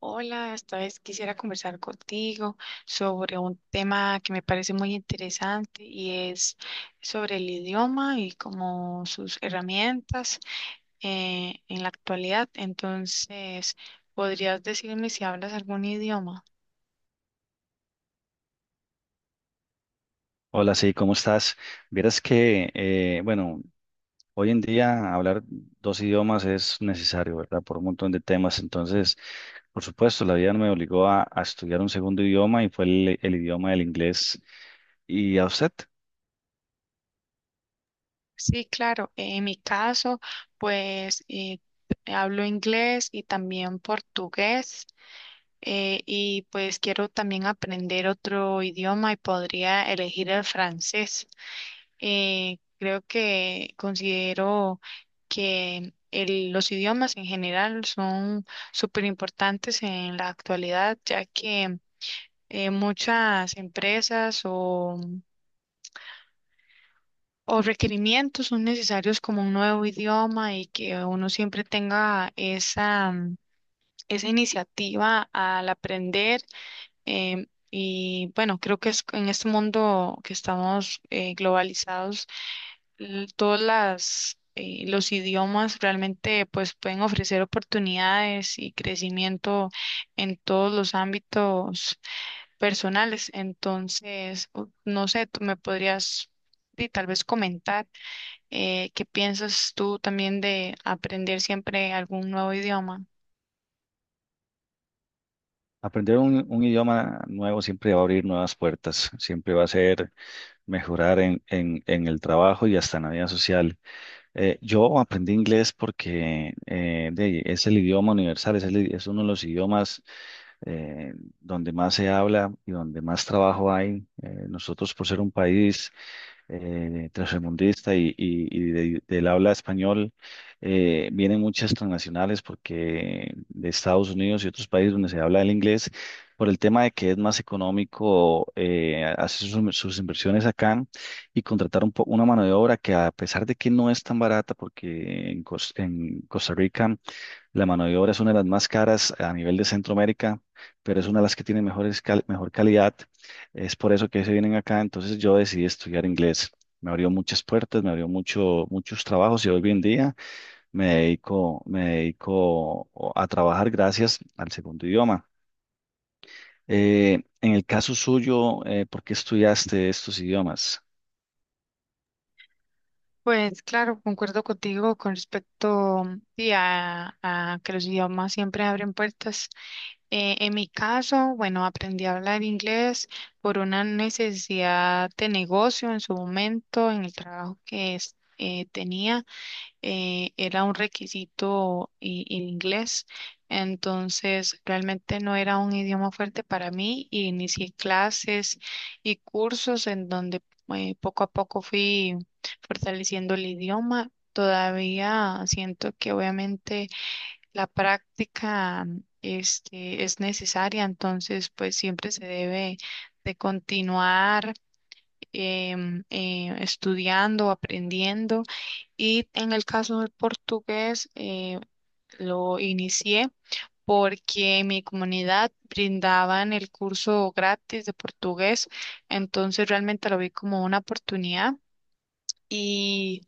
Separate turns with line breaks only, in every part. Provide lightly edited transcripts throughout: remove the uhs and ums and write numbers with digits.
Hola, esta vez quisiera conversar contigo sobre un tema que me parece muy interesante y es sobre el idioma y como sus herramientas en la actualidad. Entonces, ¿podrías decirme si hablas algún idioma?
Hola, sí, ¿cómo estás? Vieras que, bueno, hoy en día hablar dos idiomas es necesario, ¿verdad? Por un montón de temas. Entonces, por supuesto, la vida me obligó a estudiar un segundo idioma y fue el idioma del inglés. ¿Y a usted?
Sí, claro. En mi caso, pues eh, hablo inglés y también portugués. Y pues quiero también aprender otro idioma y podría elegir el francés. Creo que considero que los idiomas en general son súper importantes en la actualidad, ya que muchas empresas o requerimientos son necesarios como un nuevo idioma y que uno siempre tenga esa, esa iniciativa al aprender. Y bueno, creo que es en este mundo que estamos globalizados, todas las los idiomas realmente pues pueden ofrecer oportunidades y crecimiento en todos los ámbitos personales. Entonces, no sé, tú me podrías y tal vez comentar qué piensas tú también de aprender siempre algún nuevo idioma.
Aprender un idioma nuevo siempre va a abrir nuevas puertas, siempre va a ser mejorar en el trabajo y hasta en la vida social. Yo aprendí inglés porque es el idioma universal, es, es uno de los idiomas eh, donde más se habla y donde más trabajo hay. Nosotros, por ser un país tercermundista y del habla español, vienen muchas transnacionales porque de Estados Unidos y otros países donde se habla el inglés, por el tema de que es más económico, hacer sus inversiones acá y contratar una mano de obra que, a pesar de que no es tan barata, porque en en Costa Rica la mano de obra es una de las más caras a nivel de Centroamérica, pero es una de las que tiene mejor calidad. Es por eso que se vienen acá. Entonces yo decidí estudiar inglés. Me abrió muchas puertas, me abrió muchos trabajos y hoy en día me dedico a trabajar gracias al segundo idioma. En el caso suyo, ¿por qué estudiaste estos idiomas?
Pues claro, concuerdo contigo con respecto sí, a que los idiomas siempre abren puertas. En mi caso, bueno, aprendí a hablar inglés por una necesidad de negocio en su momento, en el trabajo que tenía, era un requisito el inglés, entonces realmente no era un idioma fuerte para mí y inicié clases y cursos en donde poco a poco fui fortaleciendo el idioma. Todavía siento que obviamente la práctica este, es necesaria, entonces pues siempre se debe de continuar estudiando, aprendiendo. Y en el caso del portugués lo inicié porque en mi comunidad brindaban el curso gratis de portugués, entonces realmente lo vi como una oportunidad y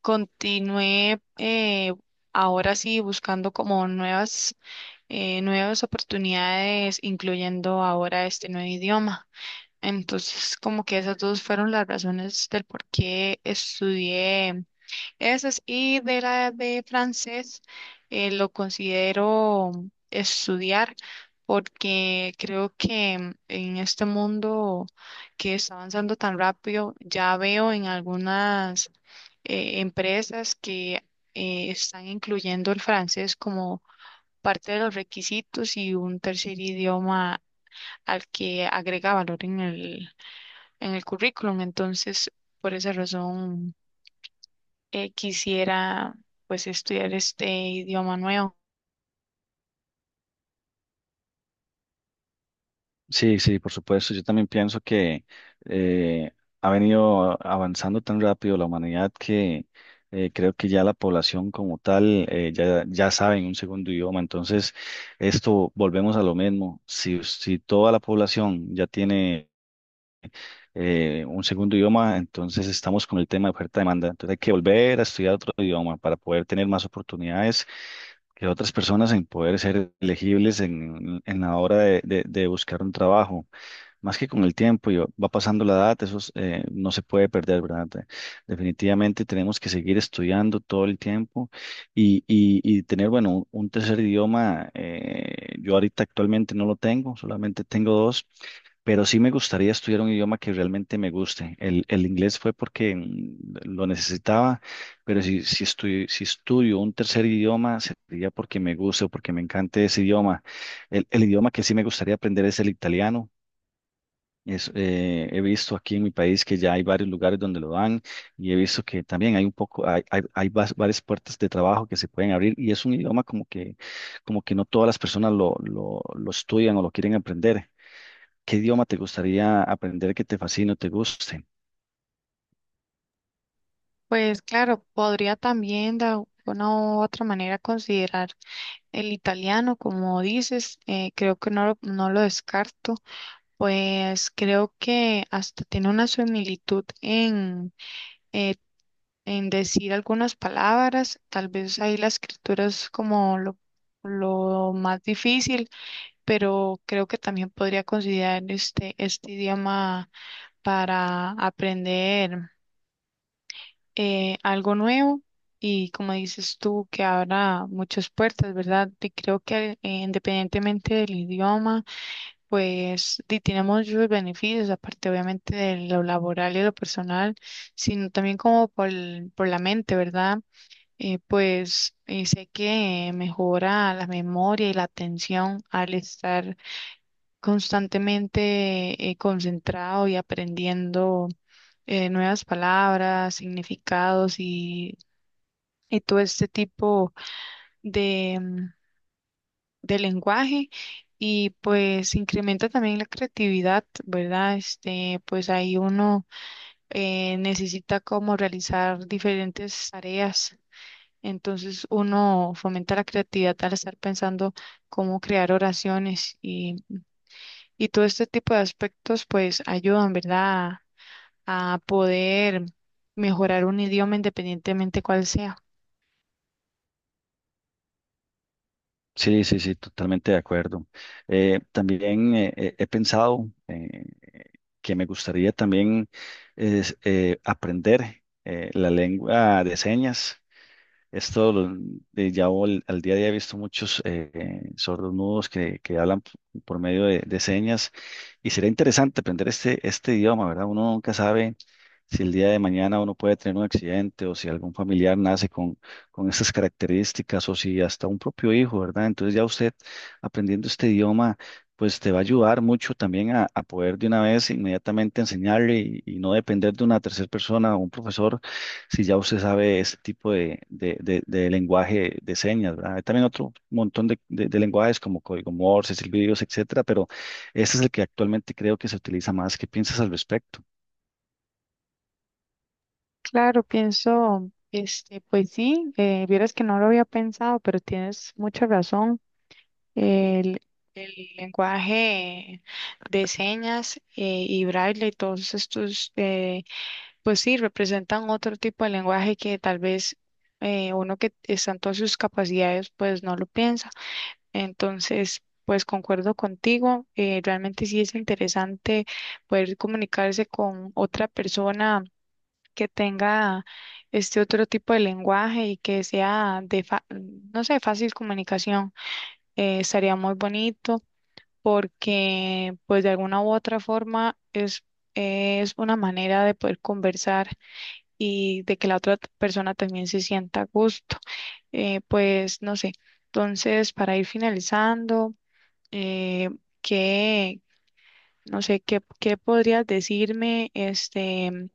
continué, ahora sí buscando como nuevas nuevas oportunidades, incluyendo ahora este nuevo idioma. Entonces, como que esas dos fueron las razones del por qué estudié esas, y de la de francés lo considero estudiar porque creo que en este mundo que está avanzando tan rápido, ya veo en algunas empresas que están incluyendo el francés como parte de los requisitos y un tercer idioma al que agrega valor en en el currículum. Entonces, por esa razón, quisiera pues estudiar este idioma nuevo.
Sí, sí, por supuesto. Yo también pienso que eh, ha venido avanzando tan rápido la humanidad que creo que ya la población como tal, ya sabe en un segundo idioma. Entonces, esto volvemos a lo mismo. Si toda la población ya tiene un segundo idioma, entonces estamos con el tema de oferta-demanda. Entonces hay que volver a estudiar otro idioma para poder tener más oportunidades que otras personas en poder ser elegibles en la hora de de buscar un trabajo, más que con el tiempo y va pasando la edad, eso es, no se puede perder, ¿verdad? Definitivamente tenemos que seguir estudiando todo el tiempo y tener, bueno, un tercer idioma. Yo ahorita actualmente no lo tengo, solamente tengo dos. Pero sí me gustaría estudiar un idioma que realmente me guste. El inglés fue porque lo necesitaba, pero si estudio un tercer idioma sería porque me guste o porque me encante ese idioma. El idioma que sí me gustaría aprender es el italiano. Es, he visto aquí en mi país que ya hay varios lugares donde lo dan, y he visto que también hay un poco, varias puertas de trabajo que se pueden abrir, y es un idioma como que no todas las personas lo estudian o lo quieren aprender. ¿Qué idioma te gustaría aprender que te fascine o te guste?
Pues claro, podría también de alguna u otra manera considerar el italiano, como dices. Eh, creo que no, no lo descarto, pues creo que hasta tiene una similitud eh, en decir algunas palabras, tal vez ahí la escritura es como lo más difícil, pero creo que también podría considerar este idioma para aprender algo nuevo, y como dices tú, que abra muchas puertas, ¿verdad? Y creo que independientemente del idioma, pues tiene muchos beneficios, aparte obviamente de lo laboral y lo personal, sino también como por, por la mente, ¿verdad? Sé que mejora la memoria y la atención al estar constantemente concentrado y aprendiendo nuevas palabras, significados, y todo este tipo de, de lenguaje. Y pues incrementa también la creatividad, ¿verdad? Este, pues ahí uno necesita como realizar diferentes tareas. Entonces uno fomenta la creatividad al estar pensando cómo crear oraciones, y todo este tipo de aspectos pues ayudan, ¿verdad? A poder mejorar un idioma independientemente cuál sea.
Sí, sí, sí, totalmente de acuerdo. También He pensado que me gustaría también es, aprender la lengua de señas. Esto lo- de ya vol- Al día a día he visto muchos, sordos mudos que hablan, por medio de señas, y sería interesante aprender este idioma, ¿verdad? Uno nunca sabe si el día de mañana uno puede tener un accidente o si algún familiar nace con estas características, o si hasta un propio hijo, ¿verdad? Entonces ya usted, aprendiendo este idioma, pues te va a ayudar mucho también a poder de una vez inmediatamente enseñarle y no depender de una tercera persona o un profesor si ya usted sabe ese tipo de lenguaje de señas, ¿verdad? Hay también otro montón de lenguajes como código Morse, silbidos, etcétera, pero este es el que actualmente creo que se utiliza más. ¿Qué piensas al respecto?
Claro, pienso, este, pues sí, vieras que no lo había pensado, pero tienes mucha razón. El, el lenguaje de señas y braille y todos estos pues sí, representan otro tipo de lenguaje que tal vez uno que está en todas sus capacidades, pues no lo piensa. Entonces, pues concuerdo contigo, realmente sí es interesante poder comunicarse con otra persona que tenga este otro tipo de lenguaje y que sea de, no sé, fácil comunicación. Estaría muy bonito porque pues de alguna u otra forma es una manera de poder conversar y de que la otra persona también se sienta a gusto. Pues no sé. Entonces, para ir finalizando, eh, ¿qué, no sé, qué podrías decirme este,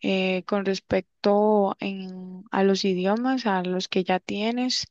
con respecto a los idiomas, a los que ya tienes,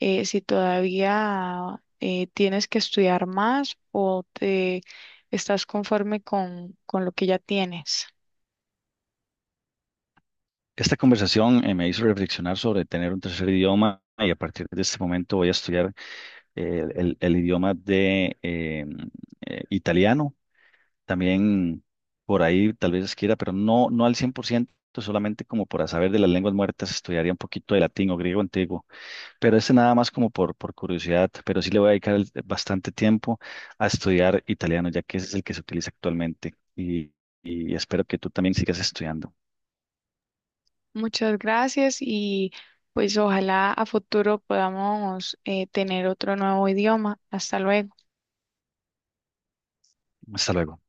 si todavía tienes que estudiar más o te estás conforme con lo que ya tienes?
Esta conversación, me hizo reflexionar sobre tener un tercer idioma, y a partir de este momento voy a estudiar el idioma de italiano. También por ahí tal vez quiera, pero no, no al 100%, solamente como para saber de las lenguas muertas, estudiaría un poquito de latín o griego antiguo. Pero este nada más como por curiosidad, pero sí le voy a dedicar bastante tiempo a estudiar italiano, ya que ese es el que se utiliza actualmente. Y espero que tú también sigas estudiando.
Muchas gracias, y pues ojalá a futuro podamos, tener otro nuevo idioma. Hasta luego.
Hasta luego.